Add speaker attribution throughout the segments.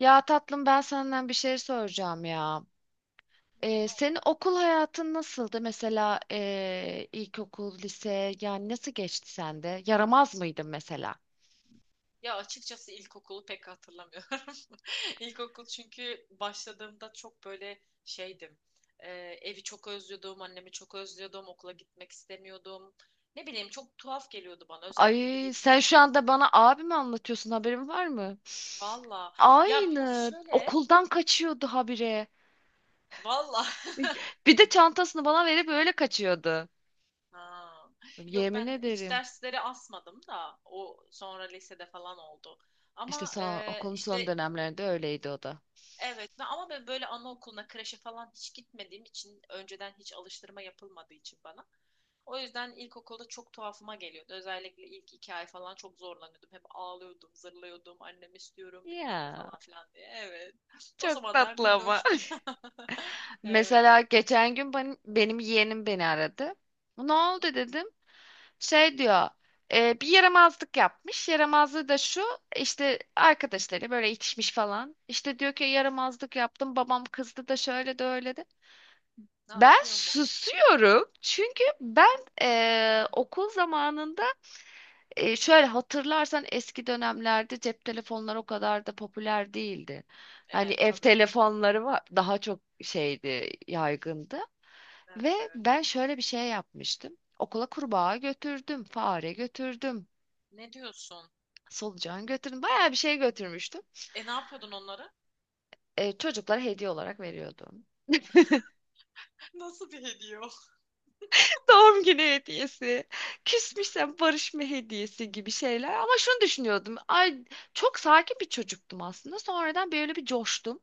Speaker 1: Ya tatlım ben senden bir şey soracağım ya.
Speaker 2: Hmm,
Speaker 1: Senin
Speaker 2: tamam.
Speaker 1: okul hayatın nasıldı? Mesela ilkokul, lise yani nasıl geçti sende? Yaramaz mıydın mesela?
Speaker 2: Ya açıkçası ilkokulu pek hatırlamıyorum. İlkokul çünkü başladığımda çok böyle şeydim. Ee, evi çok özlüyordum, annemi çok özlüyordum, okula gitmek istemiyordum. Ne bileyim çok tuhaf geliyordu bana. Özellikle de
Speaker 1: Ay
Speaker 2: birinci
Speaker 1: sen şu
Speaker 2: sınıf.
Speaker 1: anda bana abi mi anlatıyorsun haberin var mı?
Speaker 2: Valla.
Speaker 1: Aynı
Speaker 2: Şöyle.
Speaker 1: okuldan kaçıyordu habire.
Speaker 2: Valla.
Speaker 1: Bir de çantasını bana verip öyle kaçıyordu.
Speaker 2: Ha. Yok
Speaker 1: Yemin
Speaker 2: ben hiç
Speaker 1: ederim.
Speaker 2: dersleri asmadım da o sonra lisede falan oldu.
Speaker 1: İşte
Speaker 2: Ama
Speaker 1: son, okulun son
Speaker 2: işte
Speaker 1: dönemlerinde öyleydi o da.
Speaker 2: Ama ben böyle anaokuluna, kreşe falan hiç gitmediğim için önceden hiç alıştırma yapılmadığı için bana. O yüzden ilkokulda çok tuhafıma geliyordu. Özellikle ilk iki ay falan çok zorlanıyordum. Hep ağlıyordum, zırlıyordum. Annem istiyorum bilmem ne
Speaker 1: Ya
Speaker 2: falan filan diye. Evet. O
Speaker 1: çok
Speaker 2: zamanlar
Speaker 1: tatlı ama.
Speaker 2: minnoştum. Evet,
Speaker 1: Mesela
Speaker 2: evet.
Speaker 1: geçen gün benim yeğenim beni aradı. Ne
Speaker 2: Hı hı.
Speaker 1: oldu dedim. Şey diyor, "E, bir yaramazlık yapmış. Yaramazlığı da şu, işte arkadaşları böyle itişmiş falan. İşte diyor ki yaramazlık yaptım, babam kızdı da şöyle de öyle de.
Speaker 2: Ne
Speaker 1: Ben
Speaker 2: akıyor mu?
Speaker 1: susuyorum çünkü ben okul zamanında şöyle hatırlarsan eski dönemlerde cep telefonları o kadar da popüler değildi. Hani
Speaker 2: Evet,
Speaker 1: ev
Speaker 2: tabii.
Speaker 1: telefonları var, daha çok şeydi, yaygındı. Ve
Speaker 2: Evet, evet.
Speaker 1: ben şöyle bir şey yapmıştım. Okula
Speaker 2: Hı hı.
Speaker 1: kurbağa götürdüm, fare götürdüm,
Speaker 2: Ne diyorsun?
Speaker 1: solucan götürdüm. Bayağı bir şey götürmüştüm.
Speaker 2: E ne yapıyordun onlara?
Speaker 1: Çocuklara hediye olarak veriyordum.
Speaker 2: Nasıl bir hediye o?
Speaker 1: Doğum günü hediyesi, küsmüşsem barışma hediyesi gibi şeyler. Ama şunu düşünüyordum. Ay çok sakin bir çocuktum aslında. Sonradan böyle bir coştum.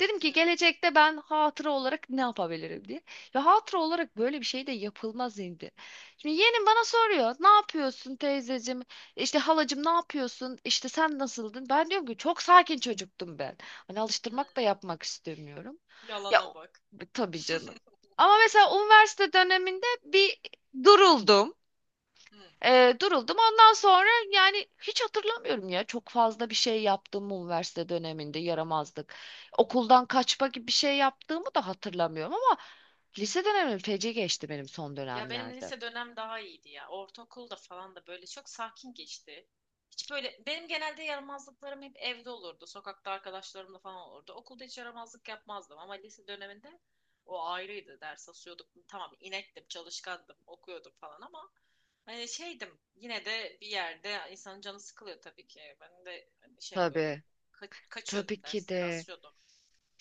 Speaker 1: Dedim
Speaker 2: Hı,
Speaker 1: ki gelecekte ben hatıra olarak ne yapabilirim diye. Ve hatıra olarak böyle bir şey de yapılmaz indi. Şimdi yeğenim bana soruyor. Ne yapıyorsun teyzecim? İşte halacım ne yapıyorsun? İşte sen nasıldın? Ben diyorum ki çok sakin çocuktum ben. Hani
Speaker 2: hı.
Speaker 1: alıştırmak da yapmak istemiyorum. Ya
Speaker 2: Yalana bak.
Speaker 1: tabii canım. Ama mesela üniversite döneminde bir duruldum.
Speaker 2: Hı.
Speaker 1: Duruldum. Ondan sonra yani hiç hatırlamıyorum ya. Çok fazla bir şey yaptığımı üniversite döneminde yaramazlık. Okuldan kaçma gibi bir şey yaptığımı da hatırlamıyorum ama lise dönemim feci geçti benim son
Speaker 2: Ya benim
Speaker 1: dönemlerde.
Speaker 2: lise dönem daha iyiydi ya. Ortaokulda falan da böyle çok sakin geçti. Hiç böyle benim genelde yaramazlıklarım hep evde olurdu. Sokakta arkadaşlarımla falan olurdu. Okulda hiç yaramazlık yapmazdım ama lise döneminde o ayrıydı. Ders asıyorduk. Tamam inektim, çalışkandım, okuyordum falan ama hani şeydim yine de bir yerde insanın canı sıkılıyor tabii ki. Ben de hani şey yapıyordum.
Speaker 1: Tabii, tabii
Speaker 2: Kaçıyordum,
Speaker 1: ki
Speaker 2: dersleri
Speaker 1: de.
Speaker 2: asıyordum.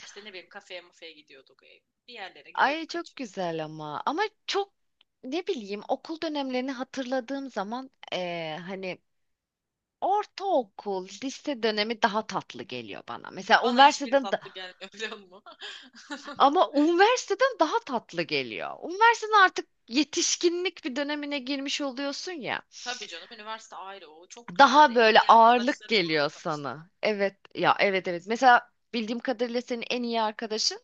Speaker 2: İşte ne bileyim kafeye mafeye gidiyorduk. Bir yerlere
Speaker 1: Ay
Speaker 2: gidiyorduk,
Speaker 1: çok
Speaker 2: kaçıyorduk.
Speaker 1: güzel ama ama çok ne bileyim okul dönemlerini hatırladığım zaman hani ortaokul, lise dönemi daha tatlı geliyor bana. Mesela
Speaker 2: Bana hiçbiri
Speaker 1: üniversiteden
Speaker 2: tatlı gelmiyor biliyor musun?
Speaker 1: ama üniversiteden daha tatlı geliyor. Üniversiteden artık yetişkinlik bir dönemine girmiş oluyorsun ya.
Speaker 2: Tabii canım üniversite ayrı o çok güzeldi.
Speaker 1: Daha
Speaker 2: En
Speaker 1: böyle
Speaker 2: iyi
Speaker 1: ağırlık
Speaker 2: arkadaşlarımla orada
Speaker 1: geliyor
Speaker 2: tanıştım ben.
Speaker 1: sana. Evet ya, evet evet. Mesela bildiğim kadarıyla senin en iyi arkadaşın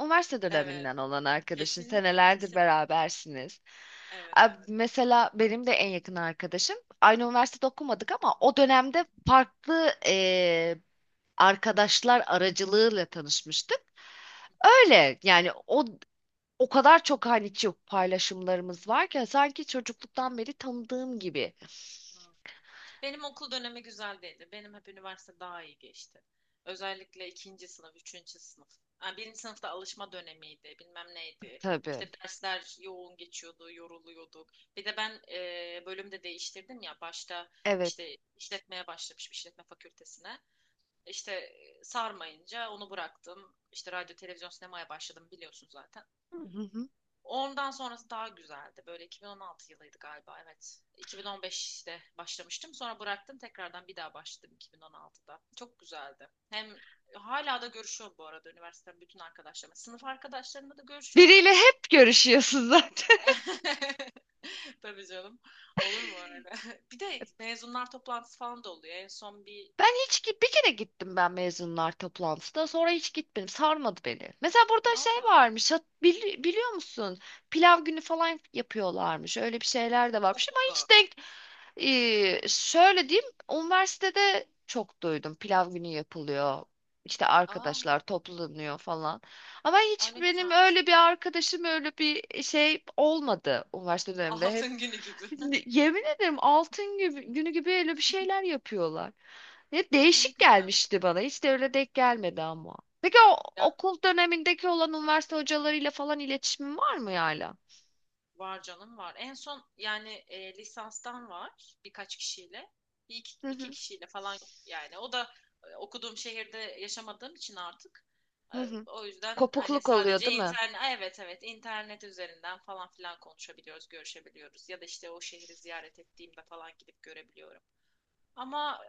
Speaker 1: üniversite
Speaker 2: Evet,
Speaker 1: döneminden olan arkadaşın.
Speaker 2: kesinlikle
Speaker 1: Senelerdir
Speaker 2: kesinlikle.
Speaker 1: berabersiniz.
Speaker 2: Evet, evet.
Speaker 1: Mesela benim de en yakın arkadaşım. Aynı üniversitede okumadık ama o
Speaker 2: Hı
Speaker 1: dönemde
Speaker 2: hı,
Speaker 1: farklı arkadaşlar aracılığıyla tanışmıştık.
Speaker 2: hı hı.
Speaker 1: Öyle yani o kadar çok hani çok paylaşımlarımız var ki hani, sanki çocukluktan beri tanıdığım gibi.
Speaker 2: Hı. Benim okul dönemi güzel değildi. Benim hep üniversite daha iyi geçti. Özellikle ikinci sınıf, üçüncü sınıf. Yani birinci sınıfta alışma dönemiydi bilmem neydi.
Speaker 1: Tabii.
Speaker 2: İşte dersler yoğun geçiyordu, yoruluyorduk. Bir de ben bölümde değiştirdim ya başta
Speaker 1: Evet.
Speaker 2: işte işletmeye başlamışım işletme fakültesine. İşte sarmayınca onu bıraktım. İşte radyo, televizyon, sinemaya başladım biliyorsun zaten.
Speaker 1: Hı hı.
Speaker 2: Ondan sonrası daha güzeldi. Böyle 2016 yılıydı galiba evet. 2015'te başlamıştım. Sonra bıraktım. Tekrardan bir daha başladım 2016'da. Çok güzeldi. Hem hala da görüşüyorum bu arada üniversiteden bütün arkadaşlarımla. Sınıf arkadaşlarımla da görüşüyorum.
Speaker 1: Biriyle hep görüşüyorsun zaten.
Speaker 2: Tabii canım. Olur mu öyle? Bir de mezunlar toplantısı falan da oluyor. En son bir
Speaker 1: Ben bir kere gittim ben mezunlar toplantısına sonra hiç gitmedim sarmadı beni. Mesela burada şey
Speaker 2: valla
Speaker 1: varmış biliyor musun pilav günü falan yapıyorlarmış öyle bir şeyler de varmış ama
Speaker 2: okulda.
Speaker 1: hiç denk. Şöyle diyeyim üniversitede çok duydum pilav günü yapılıyor, İşte
Speaker 2: Aa,
Speaker 1: arkadaşlar toplanıyor falan ama
Speaker 2: ay
Speaker 1: hiç
Speaker 2: ne
Speaker 1: benim
Speaker 2: güzelmiş.
Speaker 1: öyle bir arkadaşım öyle bir şey olmadı üniversite döneminde.
Speaker 2: Altın günü gibi.
Speaker 1: Yemin ederim altın gibi, günü gibi öyle bir şeyler yapıyorlar. Ne
Speaker 2: Ay
Speaker 1: değişik
Speaker 2: güzel.
Speaker 1: gelmişti bana. Hiç de öyle denk gelmedi ama. Peki o
Speaker 2: Ya,
Speaker 1: okul dönemindeki olan
Speaker 2: hı,
Speaker 1: üniversite hocalarıyla falan iletişimin var mı hala?
Speaker 2: var canım var. En son yani lisanstan var birkaç kişiyle. Bir iki,
Speaker 1: Hı
Speaker 2: iki
Speaker 1: hı,
Speaker 2: kişiyle falan yani. O da okuduğum şehirde yaşamadığım için artık.
Speaker 1: hı
Speaker 2: E,
Speaker 1: hı.
Speaker 2: O yüzden hani
Speaker 1: Kopukluk oluyor
Speaker 2: sadece
Speaker 1: değil mi?
Speaker 2: internet, evet evet internet üzerinden falan filan konuşabiliyoruz, görüşebiliyoruz. Ya da işte o şehri ziyaret ettiğimde falan gidip görebiliyorum. Ama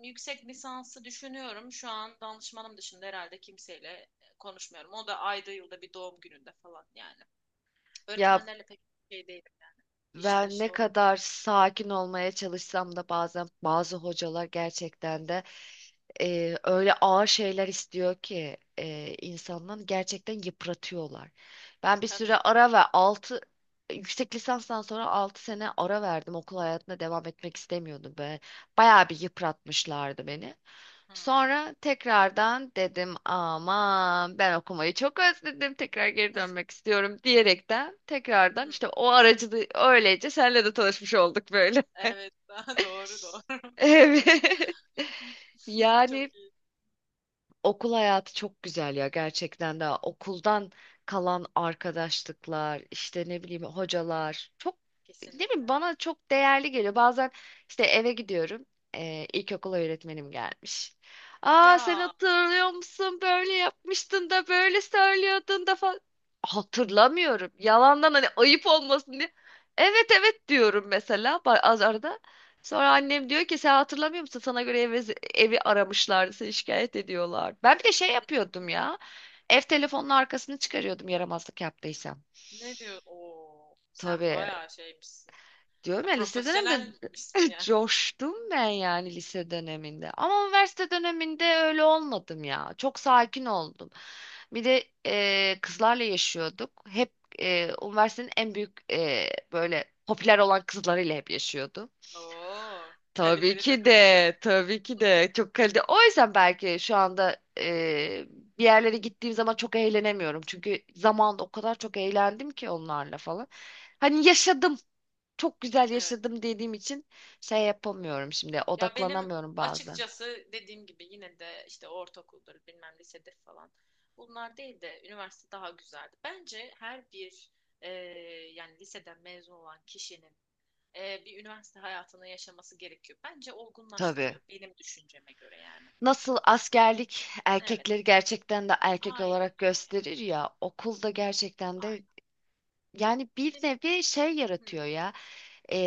Speaker 2: yüksek lisansı düşünüyorum. Şu an danışmanım dışında herhalde kimseyle konuşmuyorum. O da ayda yılda bir doğum gününde falan yani.
Speaker 1: Ya
Speaker 2: Öğretmenlerle pek şey değil yani. İşli
Speaker 1: ve ne
Speaker 2: dışlı olmak.
Speaker 1: kadar sakin olmaya çalışsam da bazen bazı hocalar gerçekten de
Speaker 2: Hı,
Speaker 1: öyle ağır şeyler istiyor ki insandan gerçekten yıpratıyorlar. Ben bir
Speaker 2: tabii
Speaker 1: süre
Speaker 2: canım.
Speaker 1: ara ve 6 yüksek lisanstan sonra 6 sene ara verdim. Okul hayatına devam etmek istemiyordum. Böyle bayağı bir yıpratmışlardı beni.
Speaker 2: Hı,
Speaker 1: Sonra tekrardan dedim aman ben okumayı çok özledim tekrar geri dönmek istiyorum diyerekten
Speaker 2: hı.
Speaker 1: tekrardan işte o aracılığı öylece senle de tanışmış olduk böyle.
Speaker 2: Evet, doğru doğru.
Speaker 1: Evet. Yani
Speaker 2: Çok iyi.
Speaker 1: okul hayatı çok güzel ya gerçekten de okuldan kalan arkadaşlıklar işte ne bileyim hocalar çok ne bileyim
Speaker 2: Kesinlikle.
Speaker 1: bana çok değerli geliyor. Bazen işte eve gidiyorum ilkokul öğretmenim gelmiş. Aa sen
Speaker 2: Ya.
Speaker 1: hatırlıyor musun böyle yapmıştın da böyle söylüyordun da falan. Hatırlamıyorum yalandan hani ayıp olmasın diye. Evet evet diyorum mesela az arada. Sonra
Speaker 2: Hı,
Speaker 1: annem diyor ki sen hatırlamıyor musun? Sana göre evi aramışlardı, seni şikayet ediyorlar. Ben bir de şey
Speaker 2: hı.
Speaker 1: yapıyordum ya. Ev telefonunun arkasını çıkarıyordum yaramazlık yaptıysam.
Speaker 2: Ne diyor? Oo, sen
Speaker 1: Tabii
Speaker 2: bayağı şeymişsin.
Speaker 1: diyorum
Speaker 2: Ya,
Speaker 1: ya lise döneminde
Speaker 2: profesyonelmişsin yani.
Speaker 1: coştum ben yani lise döneminde. Ama üniversite döneminde öyle olmadım ya. Çok sakin oldum. Bir de kızlarla yaşıyorduk. Hep üniversitenin en büyük böyle popüler olan kızlarıyla hep yaşıyordum.
Speaker 2: Oo,
Speaker 1: Tabii
Speaker 2: kaliteli
Speaker 1: ki
Speaker 2: takılmışız.
Speaker 1: de, tabii ki de çok kaliteli. O yüzden belki şu anda bir yerlere gittiğim zaman çok eğlenemiyorum. Çünkü zamanında o kadar çok eğlendim ki onlarla falan. Hani yaşadım, çok güzel
Speaker 2: Evet.
Speaker 1: yaşadım dediğim için şey yapamıyorum şimdi,
Speaker 2: Ya benim
Speaker 1: odaklanamıyorum bazen.
Speaker 2: açıkçası dediğim gibi yine de işte ortaokuldur bilmem lisedir falan. Bunlar değil de üniversite daha güzeldi. Bence her bir e, yani liseden mezun olan kişinin bir üniversite hayatını yaşaması gerekiyor. Bence
Speaker 1: Tabii.
Speaker 2: olgunlaştırıyor benim düşünceme göre yani.
Speaker 1: Nasıl askerlik
Speaker 2: Evet.
Speaker 1: erkekleri gerçekten de erkek
Speaker 2: Aynen.
Speaker 1: olarak
Speaker 2: Evet,
Speaker 1: gösterir ya, okulda gerçekten de
Speaker 2: aynen.
Speaker 1: yani bir
Speaker 2: Ve-
Speaker 1: nevi şey
Speaker 2: hı.
Speaker 1: yaratıyor ya. e,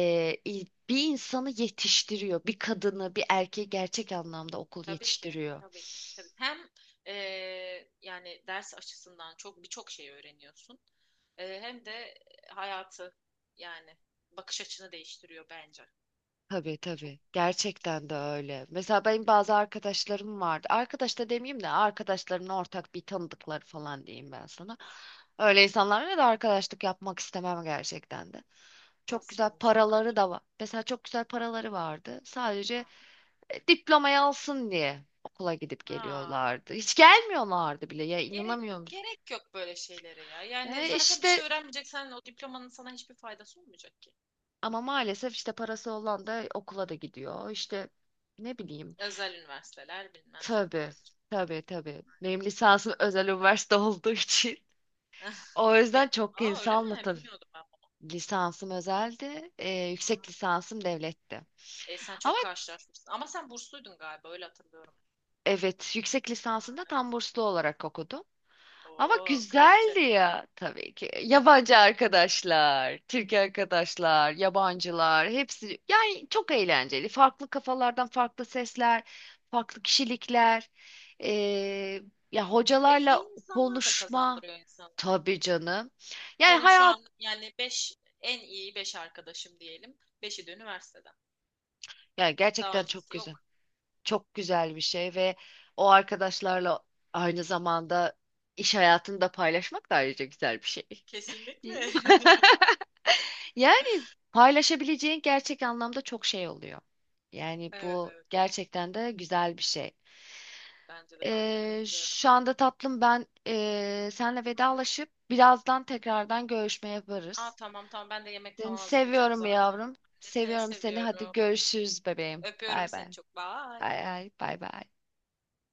Speaker 1: il- Bir insanı yetiştiriyor. Bir kadını, bir erkeği gerçek anlamda okul
Speaker 2: Tabii ki,
Speaker 1: yetiştiriyor.
Speaker 2: tabii ki, tabii. Hem yani ders açısından çok birçok şey öğreniyorsun. Hem de hayatı yani bakış açını değiştiriyor bence.
Speaker 1: Tabii
Speaker 2: Çok,
Speaker 1: tabii.
Speaker 2: çok
Speaker 1: Gerçekten de öyle. Mesela benim bazı arkadaşlarım vardı. Arkadaş da demeyeyim de arkadaşlarımın ortak bir tanıdıkları falan diyeyim ben sana. Öyle insanlarla da arkadaşlık yapmak istemem gerçekten de. Çok güzel
Speaker 2: nasıl
Speaker 1: paraları
Speaker 2: insanlar?
Speaker 1: da var. Mesela çok güzel paraları vardı. Sadece
Speaker 2: Hı.
Speaker 1: diplomayı alsın diye okula gidip
Speaker 2: Aa,
Speaker 1: geliyorlardı. Hiç gelmiyorlardı bile ya,
Speaker 2: gerek
Speaker 1: inanamıyor musun?
Speaker 2: gerek yok böyle şeylere ya. Yani
Speaker 1: E
Speaker 2: zaten bir şey
Speaker 1: işte
Speaker 2: öğrenmeyeceksen o diplomanın sana hiçbir faydası olmayacak ki.
Speaker 1: ama maalesef işte parası olan da okula da gidiyor. İşte ne bileyim.
Speaker 2: Özel üniversiteler bilmem
Speaker 1: Tabii,
Speaker 2: cartlar, curtlar.
Speaker 1: tabii, tabii. Benim lisansım özel üniversite olduğu için. O yüzden
Speaker 2: Ne?
Speaker 1: çok
Speaker 2: Aa öyle
Speaker 1: insanla
Speaker 2: mi?
Speaker 1: tabii.
Speaker 2: Bilmiyordum ben bunu.
Speaker 1: Lisansım özeldi, yüksek
Speaker 2: Ha.
Speaker 1: lisansım devletti.
Speaker 2: E, sen
Speaker 1: Ama
Speaker 2: çok karşılaşmışsın. Ama sen bursluydun galiba öyle hatırlıyorum.
Speaker 1: evet, yüksek
Speaker 2: Ha,
Speaker 1: lisansında
Speaker 2: evet.
Speaker 1: tam burslu olarak okudum. Ama
Speaker 2: Oo, kraliçe.
Speaker 1: güzeldi ya tabii ki. Yabancı arkadaşlar, Türk arkadaşlar,
Speaker 2: Tabii canım.
Speaker 1: yabancılar hepsi yani çok eğlenceli. Farklı kafalardan farklı sesler, farklı kişilikler.
Speaker 2: Hı hı.
Speaker 1: Ee, Ya
Speaker 2: Ya, iyi
Speaker 1: hocalarla
Speaker 2: insanlar da
Speaker 1: konuşma
Speaker 2: kazandırıyor insanı.
Speaker 1: tabii canım. Yani
Speaker 2: Benim şu
Speaker 1: hayat
Speaker 2: an yani 5 en iyi 5 arkadaşım diyelim, beşi de üniversiteden.
Speaker 1: yani
Speaker 2: Daha
Speaker 1: gerçekten çok
Speaker 2: öncesi
Speaker 1: güzel.
Speaker 2: yok.
Speaker 1: Çok güzel bir şey ve o arkadaşlarla aynı zamanda iş hayatını da paylaşmak da ayrıca güzel bir şey.
Speaker 2: Kesinlikle.
Speaker 1: Yani paylaşabileceğin gerçek anlamda çok şey oluyor. Yani
Speaker 2: Evet,
Speaker 1: bu
Speaker 2: evet.
Speaker 1: gerçekten de güzel bir şey.
Speaker 2: Bence de, ben de katılıyorum.
Speaker 1: Şu anda tatlım ben senle
Speaker 2: Hı hı.
Speaker 1: vedalaşıp birazdan tekrardan görüşme
Speaker 2: Aa
Speaker 1: yaparız.
Speaker 2: tamam tamam, ben de yemek
Speaker 1: Seni
Speaker 2: falan hazırlayacağım
Speaker 1: seviyorum
Speaker 2: zaten.
Speaker 1: yavrum.
Speaker 2: Ben de seni
Speaker 1: Seviyorum seni. Hadi
Speaker 2: seviyorum.
Speaker 1: görüşürüz bebeğim.
Speaker 2: Öpüyorum
Speaker 1: Bay bay.
Speaker 2: seni çok. Bye.
Speaker 1: Bay bay. Bay bay.